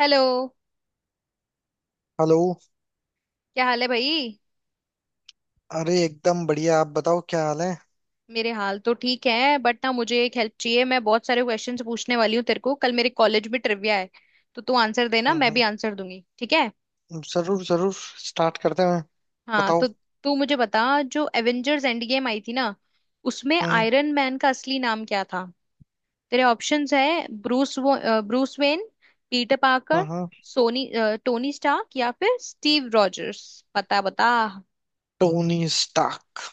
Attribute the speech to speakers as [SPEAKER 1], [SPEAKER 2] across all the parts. [SPEAKER 1] Hello.
[SPEAKER 2] Hello.
[SPEAKER 1] क्या हाल है भाई?
[SPEAKER 2] अरे एकदम बढ़िया। आप बताओ क्या हाल है।
[SPEAKER 1] मेरे हाल तो ठीक है, बट ना, मुझे एक हेल्प चाहिए। मैं बहुत सारे क्वेश्चंस पूछने वाली हूँ तेरे को। कल मेरे कॉलेज में ट्रिविया है, तो तू आंसर देना,
[SPEAKER 2] हम्म,
[SPEAKER 1] मैं भी आंसर दूंगी, ठीक है?
[SPEAKER 2] जरूर जरूर। स्टार्ट करते हैं।
[SPEAKER 1] हाँ,
[SPEAKER 2] बताओ।
[SPEAKER 1] तो तू मुझे बता, जो एवेंजर्स एंड गेम आई थी ना, उसमें
[SPEAKER 2] हम्म,
[SPEAKER 1] आयरन मैन का असली नाम क्या था? तेरे ऑप्शंस है: ब्रूस, ब्रूस वेन, पीटर
[SPEAKER 2] हम्म,
[SPEAKER 1] पार्कर, सोनी, टोनी स्टार्क या फिर स्टीव रॉजर्स। बता बता।
[SPEAKER 2] Tony Stark.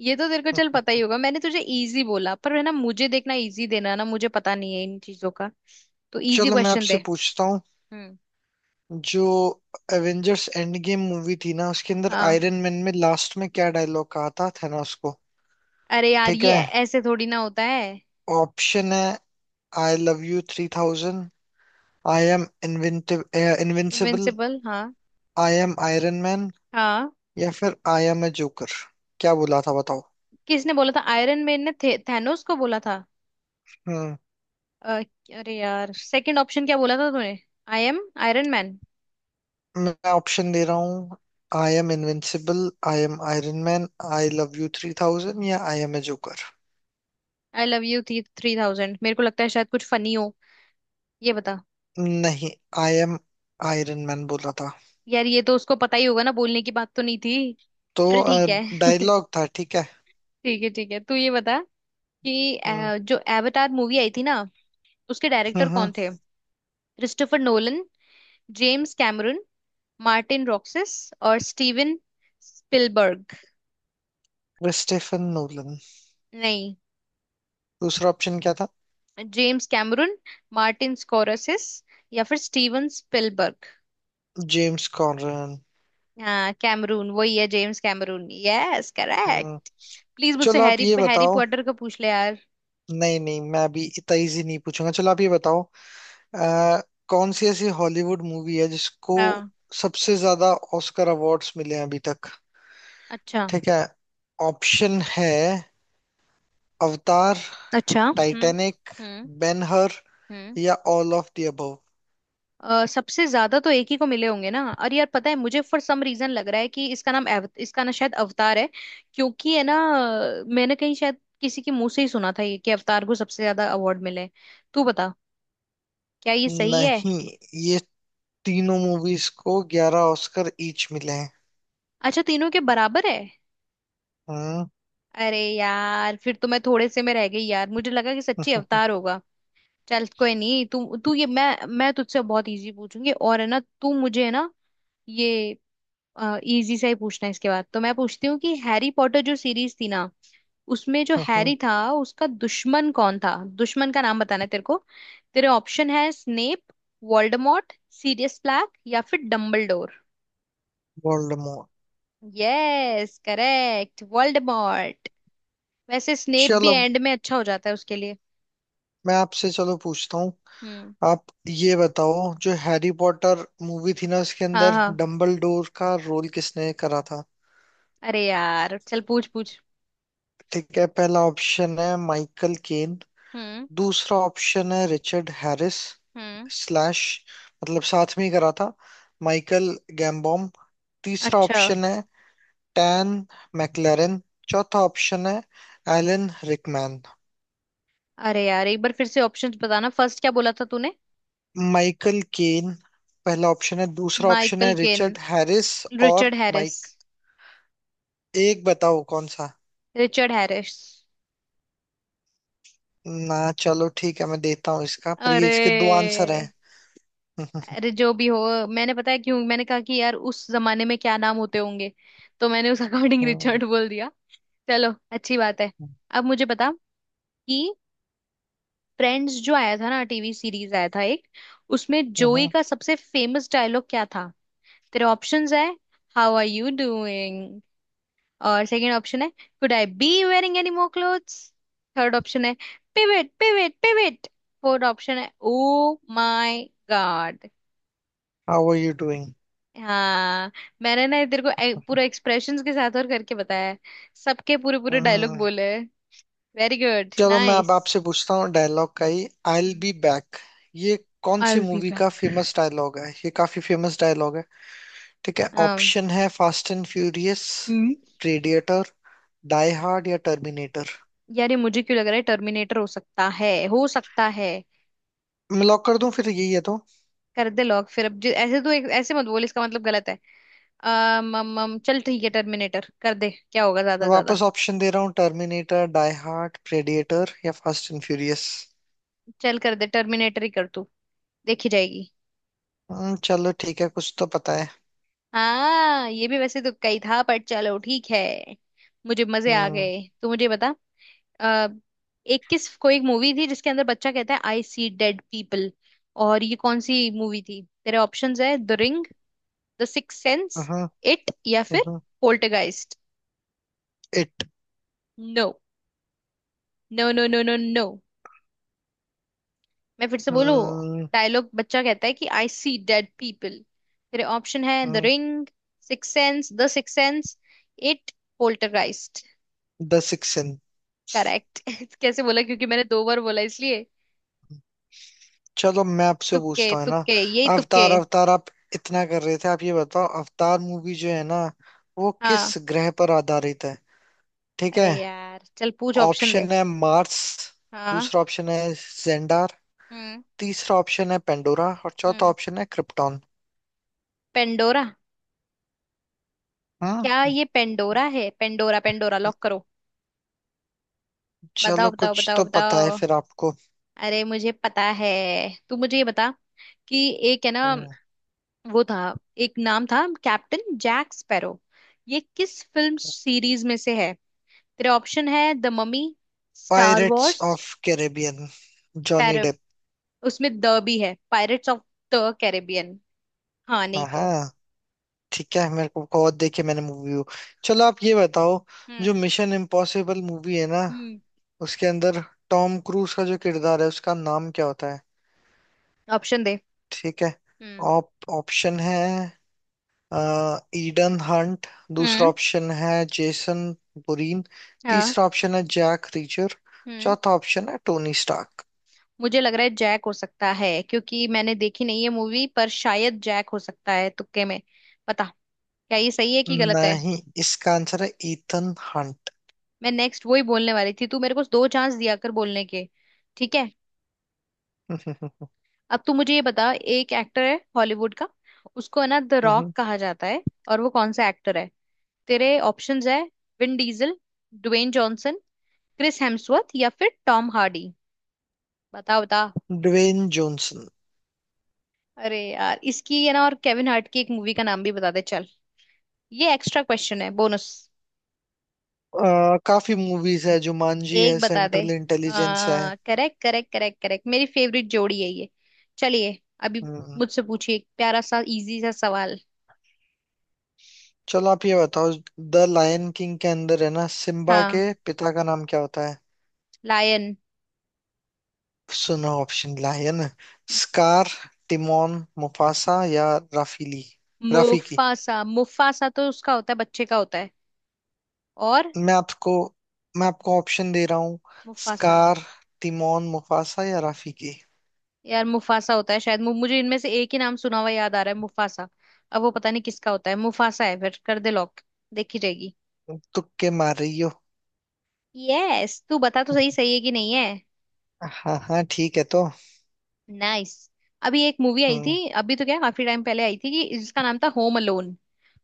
[SPEAKER 1] ये तो तेरे को
[SPEAKER 2] हम्म,
[SPEAKER 1] चल पता ही
[SPEAKER 2] हम्म।
[SPEAKER 1] होगा। मैंने तुझे इजी बोला, पर है ना, मुझे देखना, इजी देना ना, मुझे पता नहीं है इन चीजों का। तो इजी
[SPEAKER 2] चलो मैं
[SPEAKER 1] क्वेश्चन दे।
[SPEAKER 2] आपसे पूछता हूँ।
[SPEAKER 1] हम्म।
[SPEAKER 2] जो एवेंजर्स एंड गेम मूवी थी ना उसके अंदर
[SPEAKER 1] हाँ।
[SPEAKER 2] आयरन मैन में लास्ट में क्या डायलॉग कहा था थैनोस को?
[SPEAKER 1] अरे यार,
[SPEAKER 2] ठीक
[SPEAKER 1] ये
[SPEAKER 2] है,
[SPEAKER 1] ऐसे थोड़ी ना होता है।
[SPEAKER 2] ऑप्शन है I love you 3000, I am inventive invincible,
[SPEAKER 1] invincible, हाँ।
[SPEAKER 2] आई एम आयरन मैन
[SPEAKER 1] हाँ,
[SPEAKER 2] या फिर आई एम ए जोकर। क्या बोला था बताओ?
[SPEAKER 1] किसने बोला था? आयरन मैन ने थे, थैनोस को बोला था।
[SPEAKER 2] हम्म।
[SPEAKER 1] अ, अरे यार, सेकंड ऑप्शन क्या बोला था तूने? I am Iron Man.
[SPEAKER 2] मैं ऑप्शन दे रहा हूँ। I am invincible, I am Iron Man, I love you 3000 या I am a joker.
[SPEAKER 1] I love you थी थ्री थाउजेंड, मेरे को लगता है शायद कुछ फनी हो। ये बता।
[SPEAKER 2] नहीं, आई एम आयरन मैन बोला था,
[SPEAKER 1] यार, ये तो उसको पता ही होगा ना, बोलने की बात तो नहीं थी।
[SPEAKER 2] तो
[SPEAKER 1] चल ठीक है।
[SPEAKER 2] डायलॉग था, ठीक है।
[SPEAKER 1] ठीक है ठीक है, तू ये बता कि
[SPEAKER 2] हम्म,
[SPEAKER 1] जो एवतार मूवी आई थी ना, उसके डायरेक्टर
[SPEAKER 2] हम्म।
[SPEAKER 1] कौन थे? Christopher Nolan, James Cameron, Martin रॉक्सिस और स्टीवन स्पिलबर्ग।
[SPEAKER 2] Christopher Nolan.
[SPEAKER 1] नहीं,
[SPEAKER 2] दूसरा ऑप्शन क्या था?
[SPEAKER 1] जेम्स कैमरून, मार्टिन स्कोरसेस या फिर स्टीवन स्पिलबर्ग।
[SPEAKER 2] James Cameron.
[SPEAKER 1] हाँ, कैमरून वही है, जेम्स कैमरून, यस
[SPEAKER 2] हम्म।
[SPEAKER 1] करेक्ट। प्लीज, मुझसे
[SPEAKER 2] चलो आप
[SPEAKER 1] हैरी
[SPEAKER 2] ये
[SPEAKER 1] हैरी
[SPEAKER 2] बताओ।
[SPEAKER 1] पॉटर का पूछ ले यार।
[SPEAKER 2] नहीं नहीं, मैं अभी इतना इजी नहीं पूछूंगा। चलो आप ये बताओ, अ, कौन सी ऐसी हॉलीवुड मूवी है जिसको
[SPEAKER 1] हाँ।
[SPEAKER 2] सबसे ज्यादा ऑस्कर अवार्ड्स मिले हैं अभी तक?
[SPEAKER 1] अच्छा।
[SPEAKER 2] ठीक है, ऑप्शन है अवतार,
[SPEAKER 1] अच्छा। हम्म।
[SPEAKER 2] टाइटैनिक,
[SPEAKER 1] हम्म।
[SPEAKER 2] बेनहर
[SPEAKER 1] हम्म।
[SPEAKER 2] या ऑल ऑफ द अबव।
[SPEAKER 1] सबसे ज्यादा तो एक ही को मिले होंगे ना, और यार पता है, मुझे फॉर सम रीजन लग रहा है कि इसका नाम इसका ना शायद अवतार है, क्योंकि है ना, मैंने कहीं शायद किसी के मुंह से ही सुना था ये कि अवतार को सबसे ज्यादा अवार्ड मिले हैं। तू बता, क्या ये सही है?
[SPEAKER 2] नहीं, ये तीनों मूवीज को 11 ऑस्कर ईच मिले हैं।
[SPEAKER 1] अच्छा, तीनों के बराबर है।
[SPEAKER 2] हम्म।
[SPEAKER 1] अरे यार, फिर तो मैं थोड़े से में रह गई। यार, मुझे लगा कि सच्ची अवतार होगा। चल कोई नहीं। तू तू ये मैं तुझसे बहुत इजी पूछूंगी, और है ना, तू मुझे है ना, ये इजी सा ही पूछना है। इसके बाद तो मैं पूछती हूँ कि हैरी पॉटर जो सीरीज थी ना, उसमें जो हैरी था, उसका दुश्मन कौन था? दुश्मन का नाम बताना है तेरे को। तेरे ऑप्शन है: स्नेप, वोल्डेमॉर्ट, सीरियस ब्लैक या फिर Dumbledore.
[SPEAKER 2] Voldemort.
[SPEAKER 1] Yes correct, Voldemort. वैसे स्नेप भी
[SPEAKER 2] चलो
[SPEAKER 1] एंड में अच्छा हो जाता है उसके लिए।
[SPEAKER 2] मैं आपसे चलो पूछता हूँ।
[SPEAKER 1] हम्म।
[SPEAKER 2] आप ये बताओ, जो हैरी पॉटर मूवी थी ना उसके
[SPEAKER 1] हाँ
[SPEAKER 2] अंदर
[SPEAKER 1] हाँ,
[SPEAKER 2] डम्बलडोर का रोल किसने करा था?
[SPEAKER 1] अरे यार, चल पूछ पूछ।
[SPEAKER 2] ठीक है, पहला ऑप्शन है माइकल केन,
[SPEAKER 1] हम्म।
[SPEAKER 2] दूसरा ऑप्शन है रिचर्ड हैरिस
[SPEAKER 1] हम्म।
[SPEAKER 2] स्लैश, मतलब साथ में ही करा था, माइकल गैम्बॉम। तीसरा
[SPEAKER 1] अच्छा।
[SPEAKER 2] ऑप्शन है टैन मैकलेरन। चौथा ऑप्शन है एलन रिकमैन।
[SPEAKER 1] अरे यार, एक बार फिर से ऑप्शंस बताना, फर्स्ट क्या बोला था तूने?
[SPEAKER 2] माइकल केन पहला ऑप्शन है, दूसरा ऑप्शन
[SPEAKER 1] माइकल
[SPEAKER 2] है
[SPEAKER 1] केन,
[SPEAKER 2] रिचर्ड हैरिस और
[SPEAKER 1] रिचर्ड हैरिस।
[SPEAKER 2] माइक एक बताओ कौन सा?
[SPEAKER 1] Richard Harris.
[SPEAKER 2] ना। चलो ठीक है, मैं देता हूँ इसका पर ये
[SPEAKER 1] अरे।
[SPEAKER 2] इसके दो आंसर हैं।
[SPEAKER 1] अरे जो भी हो, मैंने पता है क्यों, मैंने कहा कि यार उस जमाने में क्या नाम होते होंगे, तो मैंने उस अकॉर्डिंग रिचर्ड बोल दिया। चलो अच्छी बात है। अब मुझे बता कि फ्रेंड्स जो आया था ना, टीवी सीरीज आया था एक, उसमें जोई का सबसे फेमस डायलॉग क्या था? तेरे ऑप्शंस है हाउ आर यू डूइंग, और सेकंड ऑप्शन है could I be wearing any more clothes, third option है pivot pivot pivot, fourth option है oh my god.
[SPEAKER 2] How are you
[SPEAKER 1] हाँ, मैंने ना तेरे को पूरा एक्सप्रेशंस के साथ और करके बताया है, सबके पूरे पूरे डायलॉग
[SPEAKER 2] डूइंग।
[SPEAKER 1] बोले। वेरी गुड,
[SPEAKER 2] चलो मैं अब
[SPEAKER 1] नाइस।
[SPEAKER 2] आपसे पूछता हूँ डायलॉग का ही। आई विल बी बैक, ये कौन
[SPEAKER 1] I
[SPEAKER 2] see
[SPEAKER 1] will be
[SPEAKER 2] movie का
[SPEAKER 1] बैक।
[SPEAKER 2] फेमस डायलॉग है? ये काफी फेमस डायलॉग है। ठीक है,
[SPEAKER 1] हाँ।
[SPEAKER 2] ऑप्शन है Fast and Furious,
[SPEAKER 1] hmm.
[SPEAKER 2] Predator, Die Hard या टर्मिनेटर।
[SPEAKER 1] यार, ये मुझे क्यों लग रहा है टर्मिनेटर हो सकता है, हो सकता है।
[SPEAKER 2] मैं लॉक कर दूं फिर, यही है तो।
[SPEAKER 1] कर दे लॉक फिर। अब ऐसे तो एक, ऐसे मत बोल, इसका मतलब गलत है। अम अम अम, चल ठीक है, टर्मिनेटर कर दे, क्या होगा ज्यादा
[SPEAKER 2] मैं
[SPEAKER 1] से ज्यादा।
[SPEAKER 2] वापस ऑप्शन दे रहा हूँ। टर्मिनेटर, डाई हार्ड, प्रेडिएटर या फास्ट एंड फ्यूरियस।
[SPEAKER 1] चल कर दे, टर्मिनेटर ही कर तू, देखी जाएगी।
[SPEAKER 2] हम्म। चलो ठीक है, कुछ तो पता है।
[SPEAKER 1] हाँ, ये भी वैसे तुक्का ही था, पर चलो ठीक है। मुझे मजे आ
[SPEAKER 2] Hmm।
[SPEAKER 1] गए। तू मुझे बता अ, एक किस कोई एक मूवी थी जिसके अंदर बच्चा कहता है आई सी डेड पीपल, और ये कौन सी मूवी थी? तेरे ऑप्शंस है the ring, the six sense,
[SPEAKER 2] hmm,
[SPEAKER 1] it या फिर
[SPEAKER 2] hmm.
[SPEAKER 1] Poltergeist.
[SPEAKER 2] It.
[SPEAKER 1] No no no no no no, मैं फिर से बोलूं।
[SPEAKER 2] हम्म।
[SPEAKER 1] डायलॉग, बच्चा कहता है कि आई सी डेड पीपल। तेरे ऑप्शन है the
[SPEAKER 2] hmm,
[SPEAKER 1] ring, six sense, the six sense, it, poltergeist.
[SPEAKER 2] The six.
[SPEAKER 1] Correct. कैसे बोला, क्योंकि मैंने दो बार बोला इसलिए?
[SPEAKER 2] चलो मैं आपसे
[SPEAKER 1] तुक्के
[SPEAKER 2] पूछता हूँ, है ना?
[SPEAKER 1] तुक्के, यही तुक्के।
[SPEAKER 2] अवतार अवतार आप इतना कर रहे थे। आप ये बताओ, अवतार मूवी जो है ना, वो किस
[SPEAKER 1] हाँ।
[SPEAKER 2] ग्रह पर आधारित है? ठीक
[SPEAKER 1] अरे
[SPEAKER 2] है,
[SPEAKER 1] यार, चल पूछ ऑप्शन दे।
[SPEAKER 2] ऑप्शन है मार्स,
[SPEAKER 1] हाँ।
[SPEAKER 2] दूसरा ऑप्शन है जेंडार,
[SPEAKER 1] हम्म।
[SPEAKER 2] तीसरा ऑप्शन है पेंडोरा और चौथा
[SPEAKER 1] हम्म।
[SPEAKER 2] ऑप्शन है क्रिप्टॉन।
[SPEAKER 1] पेंडोरा। क्या
[SPEAKER 2] हम्म।
[SPEAKER 1] ये पेंडोरा है? पेंडोरा पेंडोरा लॉक करो। बताओ
[SPEAKER 2] चलो
[SPEAKER 1] बताओ
[SPEAKER 2] कुछ
[SPEAKER 1] बताओ
[SPEAKER 2] तो पता है
[SPEAKER 1] बताओ।
[SPEAKER 2] फिर आपको।
[SPEAKER 1] अरे, मुझे पता है। तू मुझे ये बता कि एक है ना, वो था, एक नाम था कैप्टन जैक स्पैरो, ये किस फिल्म सीरीज में से है? तेरे ऑप्शन है the mummy, star
[SPEAKER 2] pirates
[SPEAKER 1] wars.
[SPEAKER 2] Of Caribbean.
[SPEAKER 1] पैर
[SPEAKER 2] जॉनी डेप।
[SPEAKER 1] उसमें द भी है, पायरेट्स ऑफ द कैरेबियन। हाँ, नहीं तो।
[SPEAKER 2] हाँ, ठीक है, मेरे को बहुत देखी मैंने मूवी वो। चलो आप ये बताओ, जो
[SPEAKER 1] हम्म।
[SPEAKER 2] मिशन इम्पॉसिबल मूवी है ना
[SPEAKER 1] हम्म।
[SPEAKER 2] उसके अंदर टॉम क्रूज का जो किरदार है उसका नाम क्या होता है?
[SPEAKER 1] ऑप्शन दे।
[SPEAKER 2] ठीक है,
[SPEAKER 1] हम्म।
[SPEAKER 2] ऑप ऑप्शन है ईडन हंट। दूसरा
[SPEAKER 1] हम्म।
[SPEAKER 2] ऑप्शन है जेसन बुरीन।
[SPEAKER 1] हाँ।
[SPEAKER 2] तीसरा ऑप्शन है जैक रीचर।
[SPEAKER 1] हम्म।
[SPEAKER 2] चौथा ऑप्शन है टोनी स्टार्क।
[SPEAKER 1] मुझे लग रहा है जैक हो सकता है, क्योंकि मैंने देखी नहीं है मूवी, पर शायद जैक हो सकता है तुक्के में। पता, क्या ये सही है कि गलत है?
[SPEAKER 2] नहीं, इसका आंसर है ईथन हंट।
[SPEAKER 1] मैं नेक्स्ट वही बोलने वाली थी, तू मेरे को दो चांस दिया कर बोलने के। ठीक है, अब तू मुझे ये बता, एक एक्टर है हॉलीवुड का, उसको है ना द रॉक कहा जाता है, और वो कौन सा एक्टर है? तेरे ऑप्शंस है Vin Diesel, Dwayne Johnson, Chris Hemsworth या फिर टॉम हार्डी। बता बता।
[SPEAKER 2] Dwayne Johnson.
[SPEAKER 1] अरे यार, इसकी है ना और केविन हार्ट की एक मूवी का नाम भी बता दे चल, ये एक्स्ट्रा क्वेश्चन है, बोनस।
[SPEAKER 2] काफी मूवीज है, जुमांजी है,
[SPEAKER 1] एक बता दे।
[SPEAKER 2] सेंट्रल इंटेलिजेंस है।
[SPEAKER 1] हाँ, करेक्ट करेक्ट करेक्ट करेक्ट, मेरी फेवरेट जोड़ी है ये। चलिए, अभी
[SPEAKER 2] हम्म,
[SPEAKER 1] मुझसे पूछिए एक प्यारा सा इजी सा सवाल।
[SPEAKER 2] चलो आप ये बताओ, द लायन किंग के अंदर है ना सिम्बा
[SPEAKER 1] हाँ।
[SPEAKER 2] के पिता का नाम क्या होता है?
[SPEAKER 1] लायन।
[SPEAKER 2] सुनो option, lion, Scar, Timon, Mufasa या राफीली राफीकी।
[SPEAKER 1] मुफासा, मुफासा तो उसका होता है, बच्चे का होता है। और
[SPEAKER 2] मैं आपको मैं आपको ऑप्शन दे रहा हूँ।
[SPEAKER 1] मुफासा।
[SPEAKER 2] स्कार, तिमोन, मुफासा या राफीकी।
[SPEAKER 1] यार, मुफासा होता है शायद, मुझे इनमें से एक ही नाम सुना हुआ याद आ रहा है, मुफासा। अब वो पता नहीं किसका होता है, मुफासा है फिर, कर दे लॉक, देखी जाएगी।
[SPEAKER 2] तुक्के मार रही हो?
[SPEAKER 1] यस। तू बता तो, सही सही है कि नहीं है?
[SPEAKER 2] हाँ हाँ, ठीक है तो।
[SPEAKER 1] नाइस। अभी एक मूवी आई थी,
[SPEAKER 2] हम्म।
[SPEAKER 1] अभी तो क्या, काफी टाइम पहले आई थी, कि जिसका नाम था होम अलोन।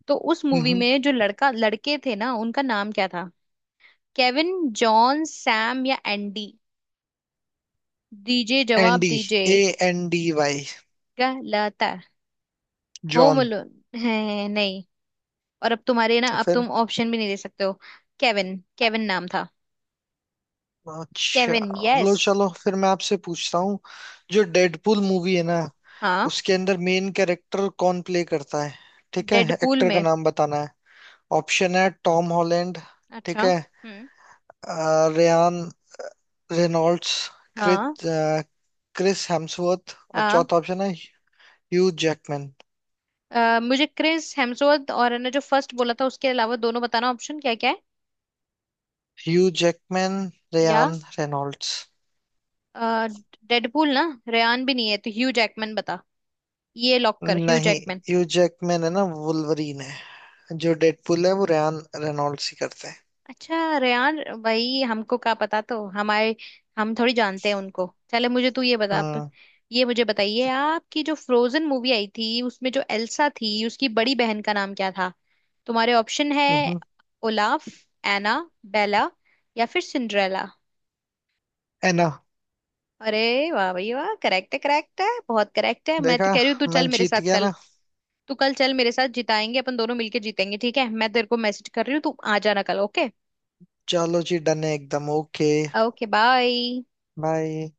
[SPEAKER 1] तो उस मूवी
[SPEAKER 2] हम्म,
[SPEAKER 1] में जो लड़का लड़के थे ना, उनका नाम क्या था? केविन, जॉन, सैम या एंडी। दीजिए जवाब
[SPEAKER 2] एंडी।
[SPEAKER 1] दीजिए।
[SPEAKER 2] ANDY।
[SPEAKER 1] गलत है। Home
[SPEAKER 2] John.
[SPEAKER 1] अलोन है नहीं। और अब तुम्हारे ना,
[SPEAKER 2] तो
[SPEAKER 1] अब
[SPEAKER 2] फिर?
[SPEAKER 1] तुम ऑप्शन भी नहीं दे सकते हो। केविन, केविन नाम था।
[SPEAKER 2] अच्छा
[SPEAKER 1] केविन,
[SPEAKER 2] लो,
[SPEAKER 1] यस।
[SPEAKER 2] चलो फिर मैं आपसे पूछता हूँ, जो डेडपूल मूवी है ना
[SPEAKER 1] हाँ,
[SPEAKER 2] उसके अंदर मेन कैरेक्टर कौन प्ले करता है? ठीक है,
[SPEAKER 1] डेडपूल
[SPEAKER 2] एक्टर का
[SPEAKER 1] में।
[SPEAKER 2] नाम बताना है। ऑप्शन है टॉम हॉलैंड, ठीक
[SPEAKER 1] अच्छा।
[SPEAKER 2] है,
[SPEAKER 1] हम्म।
[SPEAKER 2] रेयान रेनॉल्ड्स,
[SPEAKER 1] हाँ।
[SPEAKER 2] क्रिस अ, क्रिस हेम्सवर्थ और
[SPEAKER 1] हाँ,
[SPEAKER 2] चौथा ऑप्शन है ह्यू जैकमैन।
[SPEAKER 1] मुझे क्रिस हेम्सवर्थ और ने जो फर्स्ट बोला था उसके अलावा दोनों बताना, ऑप्शन क्या क्या है?
[SPEAKER 2] ह्यू जैकमैन,
[SPEAKER 1] या
[SPEAKER 2] रेयान रेनॉल्ड्स।
[SPEAKER 1] अ, डेडपूल ना, रेयान भी नहीं है, तो ह्यू जैकमैन बता, ये लॉक कर, ह्यू
[SPEAKER 2] नहीं,
[SPEAKER 1] जैकमैन।
[SPEAKER 2] ह्यू जैकमैन है ना वुल्वरीन है। जो डेडपूल है वो रेयान रेनॉल्ड्स ही करते हैं।
[SPEAKER 1] अच्छा, रेयान भाई हमको क्या पता, तो हमारे हम थोड़ी जानते हैं उनको। चले मुझे तू ये बता, आप
[SPEAKER 2] हम्म।
[SPEAKER 1] ये मुझे बताइए, आपकी जो फ्रोजन मूवी आई थी, उसमें जो एल्सा थी, उसकी बड़ी बहन का नाम क्या था? तुम्हारे ऑप्शन है
[SPEAKER 2] हम्म।
[SPEAKER 1] ओलाफ, एना, बेला या फिर सिंड्रेला।
[SPEAKER 2] है ना?
[SPEAKER 1] अरे वाह भाई वाह, करेक्ट है बहुत करेक्ट है। मैं तो
[SPEAKER 2] देखा,
[SPEAKER 1] कह रही हूँ, तू
[SPEAKER 2] मैं
[SPEAKER 1] चल मेरे
[SPEAKER 2] जीत
[SPEAKER 1] साथ
[SPEAKER 2] गया
[SPEAKER 1] कल।
[SPEAKER 2] ना?
[SPEAKER 1] तू कल चल मेरे साथ, जिताएंगे अपन दोनों मिलके, जीतेंगे, ठीक है? मैं तेरे को मैसेज कर रही हूँ, तू आ जाना कल, ओके।
[SPEAKER 2] चलो जी, डन है एकदम, ओके
[SPEAKER 1] ओके बाय।
[SPEAKER 2] बाय।